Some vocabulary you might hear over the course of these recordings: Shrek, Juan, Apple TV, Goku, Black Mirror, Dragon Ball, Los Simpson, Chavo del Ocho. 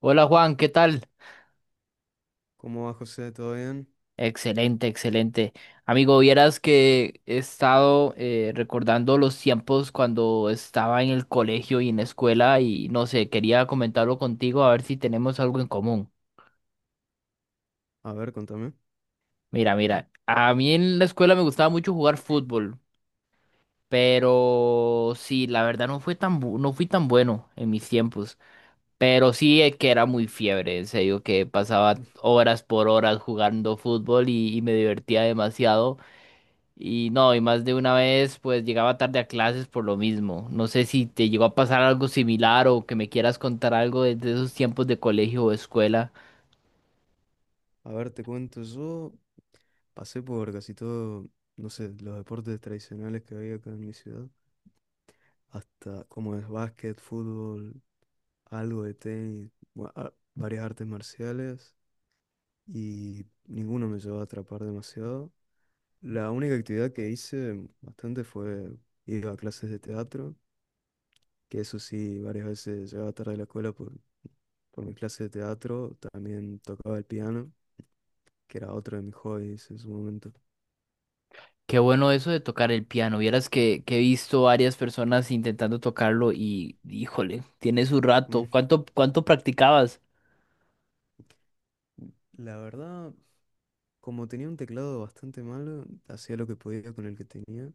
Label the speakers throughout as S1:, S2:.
S1: Hola Juan, ¿qué tal?
S2: ¿Cómo va, José? ¿Todo bien?
S1: Excelente, excelente. Amigo, vieras que he estado recordando los tiempos cuando estaba en el colegio y en la escuela y no sé, quería comentarlo contigo a ver si tenemos algo en común.
S2: A ver, contame.
S1: Mira, mira, a mí en la escuela me gustaba mucho jugar fútbol, pero sí, la verdad no fui tan bueno en mis tiempos, pero sí, que era muy fiebre, en serio, que pasaba horas por horas jugando fútbol y me divertía demasiado. Y no, y más de una vez pues llegaba tarde a clases por lo mismo. No sé si te llegó a pasar algo similar o que me quieras contar algo de esos tiempos de colegio o escuela.
S2: A ver, te cuento, yo pasé por casi todo, no sé, los deportes tradicionales que había acá en mi ciudad, hasta como es básquet, fútbol, algo de tenis, varias artes marciales, y ninguno me llevó a atrapar demasiado. La única actividad que hice bastante fue ir a clases de teatro, que eso sí, varias veces llegaba tarde a la escuela por mi clase de teatro, también tocaba el piano. Que era otro de mis hobbies en su momento.
S1: Qué bueno eso de tocar el piano. Vieras que he visto varias personas intentando tocarlo y híjole, tiene su
S2: Mm.
S1: rato. Cuánto practicabas?
S2: La verdad, como tenía un teclado bastante malo, hacía lo que podía con el que tenía.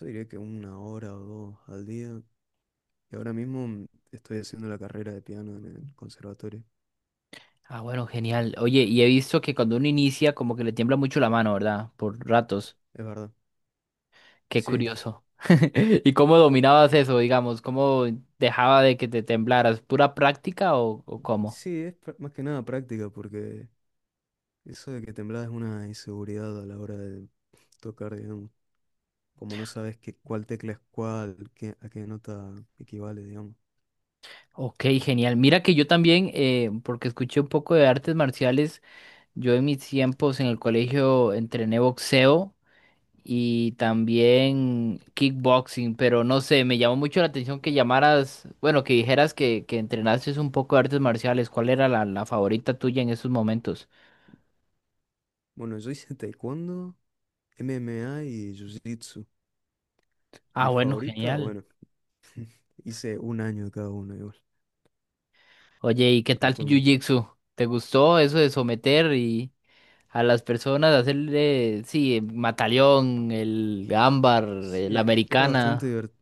S2: Yo diría que 1 hora o 2 al día. Y ahora mismo estoy haciendo la carrera de piano en el conservatorio.
S1: Ah, bueno, genial. Oye, y he visto que cuando uno inicia como que le tiembla mucho la mano, ¿verdad? Por ratos.
S2: Es verdad.
S1: Qué
S2: Sí,
S1: curioso. ¿Y cómo dominabas eso, digamos? ¿Cómo dejaba de que te temblaras? ¿Pura práctica o cómo?
S2: sí, más que nada práctica porque eso de que temblás es una inseguridad a la hora de tocar, digamos. Como no sabes qué, cuál tecla es cuál, a qué nota equivale, digamos.
S1: Ok, genial. Mira que yo también, porque escuché un poco de artes marciales, yo en mis tiempos en el colegio entrené boxeo y también kickboxing, pero no sé, me llamó mucho la atención que llamaras, bueno, que dijeras que entrenaste un poco de artes marciales. ¿Cuál era la favorita tuya en esos momentos?
S2: Bueno, yo hice taekwondo, MMA y jiu-jitsu.
S1: Ah,
S2: Mi
S1: bueno,
S2: favorita,
S1: genial.
S2: bueno, hice 1 año de cada uno igual,
S1: Oye, ¿y qué
S2: no
S1: tal tu
S2: fue mucho.
S1: Jiu-Jitsu? ¿Te gustó eso de someter y a las personas hacerle, sí, mataleón, el ámbar,
S2: Sí,
S1: la
S2: era bastante
S1: americana?
S2: divertido,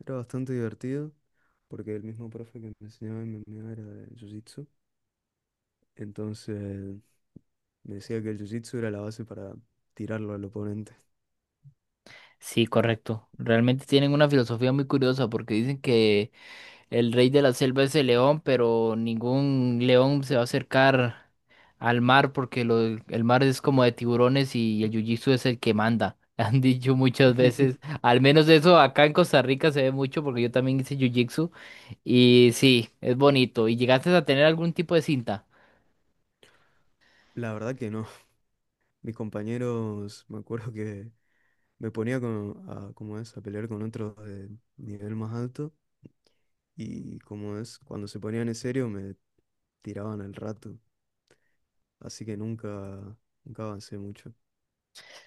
S2: era bastante divertido porque el mismo profe que me enseñaba MMA era de Jiu-Jitsu, entonces me decía que el Jiu-Jitsu era la base para tirarlo al oponente.
S1: Sí, correcto. Realmente tienen una filosofía muy curiosa porque dicen que el rey de la selva es el león, pero ningún león se va a acercar al mar porque el mar es como de tiburones y el jiu-jitsu es el que manda. Han dicho muchas veces, al menos eso acá en Costa Rica se ve mucho porque yo también hice jiu-jitsu y sí, es bonito. ¿Y llegaste a tener algún tipo de cinta?
S2: La verdad que no. Mis compañeros, me acuerdo que me ponía como, a, como es, a pelear con otros de nivel más alto y como es, cuando se ponían en serio me tiraban al rato. Así que nunca, nunca avancé mucho.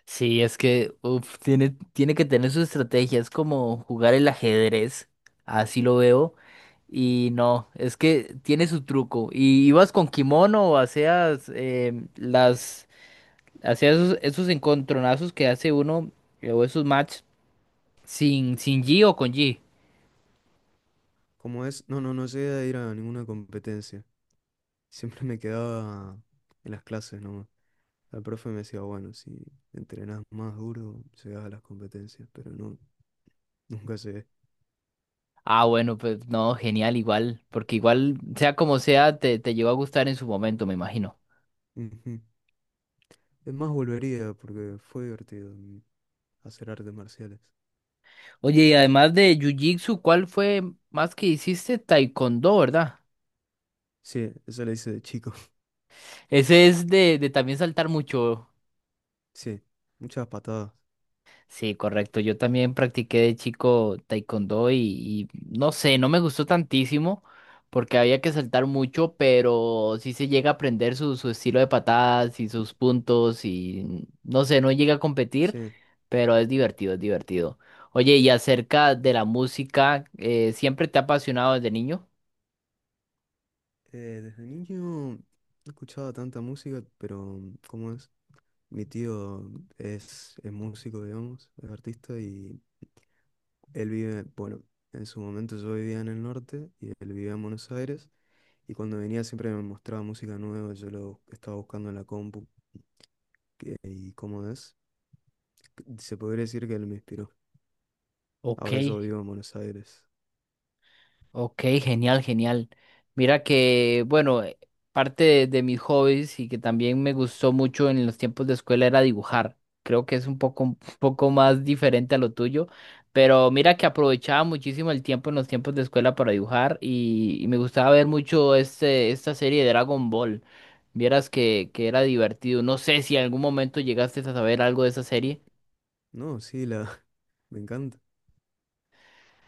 S1: Sí, es que uf, tiene que tener su estrategia, es como jugar el ajedrez, así lo veo. Y no, es que tiene su truco. ¿Y ibas con kimono o hacías las hacías esos encontronazos que hace uno o esos match sin G o con G?
S2: Como es, no, no, no llegué a ir a ninguna competencia. Siempre me quedaba en las clases nomás. El profe me decía, bueno, si entrenás más duro, llegás a las competencias, pero no, nunca llegué.
S1: Ah, bueno, pues no, genial igual, porque igual sea como sea te llegó a gustar en su momento, me imagino.
S2: Ujú. Es más, volvería porque fue divertido hacer artes marciales.
S1: Oye, y además de Jiu-Jitsu, ¿cuál fue más que hiciste? Taekwondo, ¿verdad?
S2: Sí, eso le hice de chico.
S1: Ese es de también saltar mucho.
S2: Sí, muchas patadas.
S1: Sí, correcto. Yo también practiqué de chico taekwondo y no sé, no me gustó tantísimo porque había que saltar mucho, pero sí se llega a aprender su estilo de patadas y sus puntos y no sé, no llega a competir,
S2: Sí,
S1: pero es divertido, es divertido. Oye, y acerca de la música, ¿siempre te ha apasionado desde niño?
S2: desde niño no escuchaba tanta música, pero ¿cómo es? Mi tío es músico, digamos, es artista y él vive, bueno, en su momento yo vivía en el norte y él vivía en Buenos Aires y cuando venía siempre me mostraba música nueva, yo lo estaba buscando en la compu y cómo es. Se podría decir que él me inspiró.
S1: Ok,
S2: Ahora yo vivo en Buenos Aires.
S1: ok, genial, genial. Mira que, bueno, parte de mis hobbies y que también me gustó mucho en los tiempos de escuela era dibujar. Creo que es un poco más diferente a lo tuyo, pero mira que aprovechaba muchísimo el tiempo en los tiempos de escuela para dibujar y me gustaba ver mucho este, esta serie de Dragon Ball. Vieras que era divertido. No sé si en algún momento llegaste a saber algo de esa serie.
S2: No, sí, me encanta.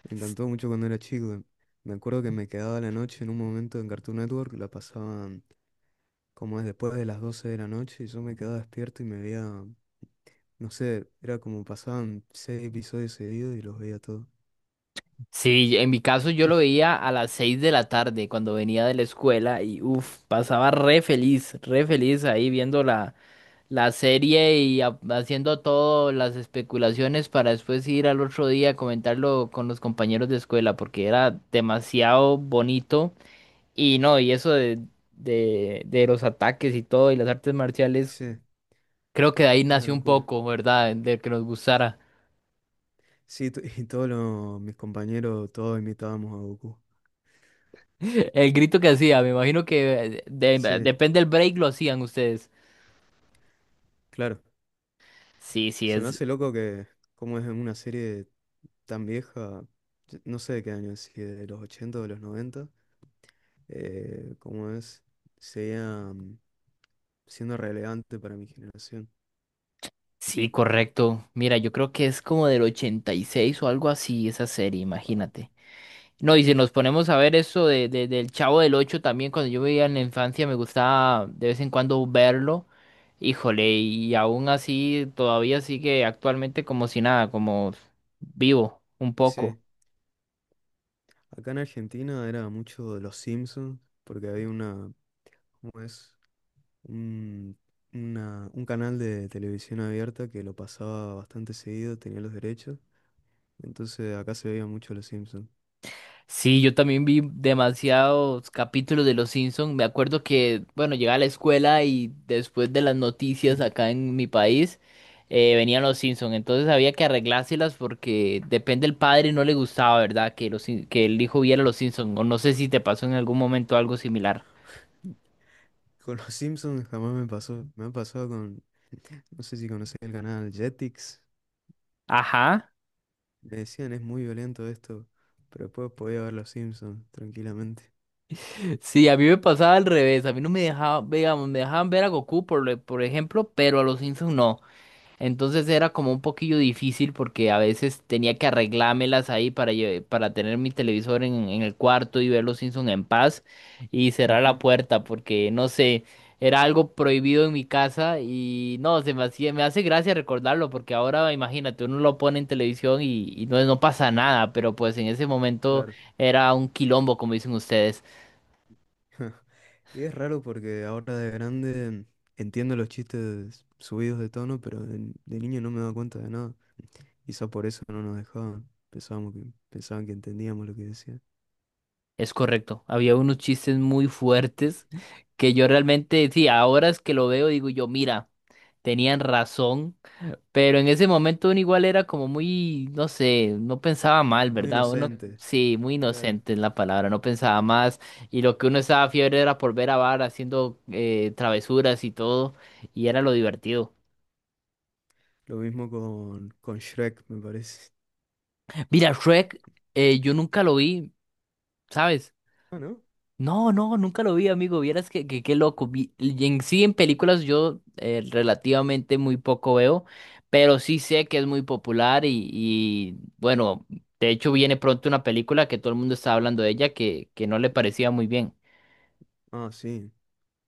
S2: Me encantó mucho cuando era chico. Me acuerdo que me quedaba la noche en un momento en Cartoon Network, la pasaban como es después de las 12 de la noche y yo me quedaba despierto y me veía. No sé, era como pasaban seis episodios seguidos y los veía todos.
S1: Sí, en mi caso yo lo veía a las 6 de la tarde cuando venía de la escuela y uff, pasaba re feliz ahí viendo la serie y haciendo todas las especulaciones para después ir al otro día a comentarlo con los compañeros de escuela porque era demasiado bonito y no, y eso de los ataques y todo y las artes marciales,
S2: Sí,
S1: creo que de ahí
S2: una
S1: nació un
S2: locura.
S1: poco, ¿verdad? De que nos gustara.
S2: Sí, y todos mis compañeros, todos imitábamos a Goku.
S1: El grito que hacía, me imagino que
S2: Sí,
S1: depende del break lo hacían ustedes.
S2: claro.
S1: Sí, sí,
S2: Se me
S1: es,
S2: hace loco que, como es una serie tan vieja, yo no sé de qué año es, si de los 80 o de los 90, como es, seguía siendo relevante para mi generación.
S1: sí, correcto. Mira, yo creo que es como del 86 o algo así esa serie,
S2: Wow.
S1: imagínate. No, y si nos ponemos a ver eso del Chavo del Ocho también, cuando yo veía en la infancia me gustaba de vez en cuando verlo. Híjole, y aún así todavía sigue actualmente como si nada, como vivo un poco.
S2: Sí, acá en Argentina era mucho de los Simpsons, porque había ¿cómo es? un, un canal de televisión abierta que lo pasaba bastante seguido, tenía los derechos, entonces acá se veía mucho Los Simpsons.
S1: Sí, yo también vi demasiados capítulos de Los Simpson. Me acuerdo que, bueno, llegaba a la escuela y después de las noticias
S2: Mm.
S1: acá en mi país, venían Los Simpson. Entonces había que arreglárselas porque depende el padre, no le gustaba, ¿verdad? Que que el hijo viera Los Simpson. O no sé si te pasó en algún momento algo similar.
S2: Con Los Simpsons jamás me pasó, me ha pasado con, no sé si conocés el canal Jetix,
S1: Ajá.
S2: me decían es muy violento esto, pero después podía ver Los Simpsons tranquilamente.
S1: Sí, a mí me pasaba al revés. A mí no me dejaba, digamos, me dejaban ver a Goku, por ejemplo, pero a Los Simpson no. Entonces era como un poquillo difícil porque a veces tenía que arreglármelas ahí para tener mi televisor en el cuarto y ver los Simpsons en paz y cerrar la
S2: Ujú,
S1: puerta porque no sé, era algo prohibido en mi casa y no, me hace gracia recordarlo porque ahora imagínate, uno lo pone en televisión y no, no pasa nada, pero pues en ese momento
S2: claro.
S1: era un quilombo, como dicen ustedes.
S2: Y es raro porque ahora de grande entiendo los chistes subidos de tono, pero de niño no me daba cuenta de nada. Quizá por eso no nos dejaban. Pensábamos que, pensaban que entendíamos lo que decían.
S1: Es correcto, había unos chistes muy fuertes que yo realmente, sí, ahora es que lo veo, digo yo, mira, tenían razón, pero en ese momento uno igual era como muy, no sé, no pensaba mal,
S2: Muy
S1: ¿verdad? Uno,
S2: inocente,
S1: sí, muy
S2: claro.
S1: inocente es la palabra, no pensaba más y lo que uno estaba fiebre era por ver a Bar haciendo travesuras y todo, y era lo divertido.
S2: Lo mismo con Shrek, me parece.
S1: Mira, Shrek, yo nunca lo vi, ¿sabes?
S2: Ah, ¿no?
S1: No, no, nunca lo vi, amigo. Vieras que qué loco. Y en sí, en películas yo relativamente muy poco veo, pero sí sé que es muy popular y bueno, de hecho viene pronto una película que todo el mundo está hablando de ella que no le parecía muy bien.
S2: Ah, sí.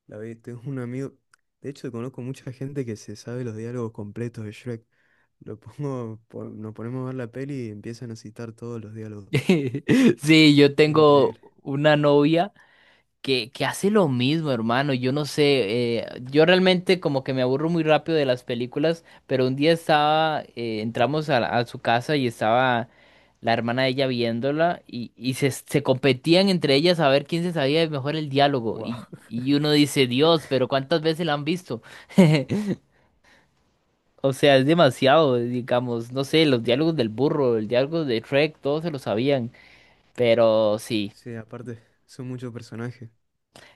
S2: La vi. Tengo un amigo. De hecho, conozco mucha gente que se sabe los diálogos completos de Shrek. Lo pongo, nos ponemos a ver la peli y empiezan a citar todos los diálogos.
S1: Sí, yo
S2: Es
S1: tengo
S2: increíble.
S1: una novia que hace lo mismo, hermano. Yo no sé, yo realmente como que me aburro muy rápido de las películas, pero un día estaba, entramos a su casa y estaba la hermana de ella viéndola y se competían entre ellas a ver quién se sabía mejor el diálogo.
S2: Wow.
S1: Y uno dice, Dios, pero ¿cuántas veces la han visto? O sea, es demasiado, digamos, no sé, los diálogos del burro, el diálogo de Shrek, todos se lo sabían, pero sí.
S2: Sí, aparte, son muchos personajes.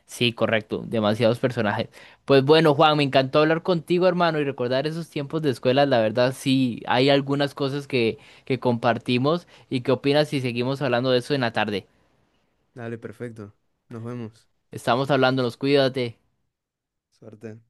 S1: Sí, correcto, demasiados personajes. Pues bueno, Juan, me encantó hablar contigo, hermano, y recordar esos tiempos de escuela. La verdad, sí, hay algunas cosas que compartimos. ¿Y qué opinas si seguimos hablando de eso en la tarde?
S2: Dale, perfecto. Nos vemos.
S1: Estamos hablándonos,
S2: Su-
S1: cuídate.
S2: Suerte.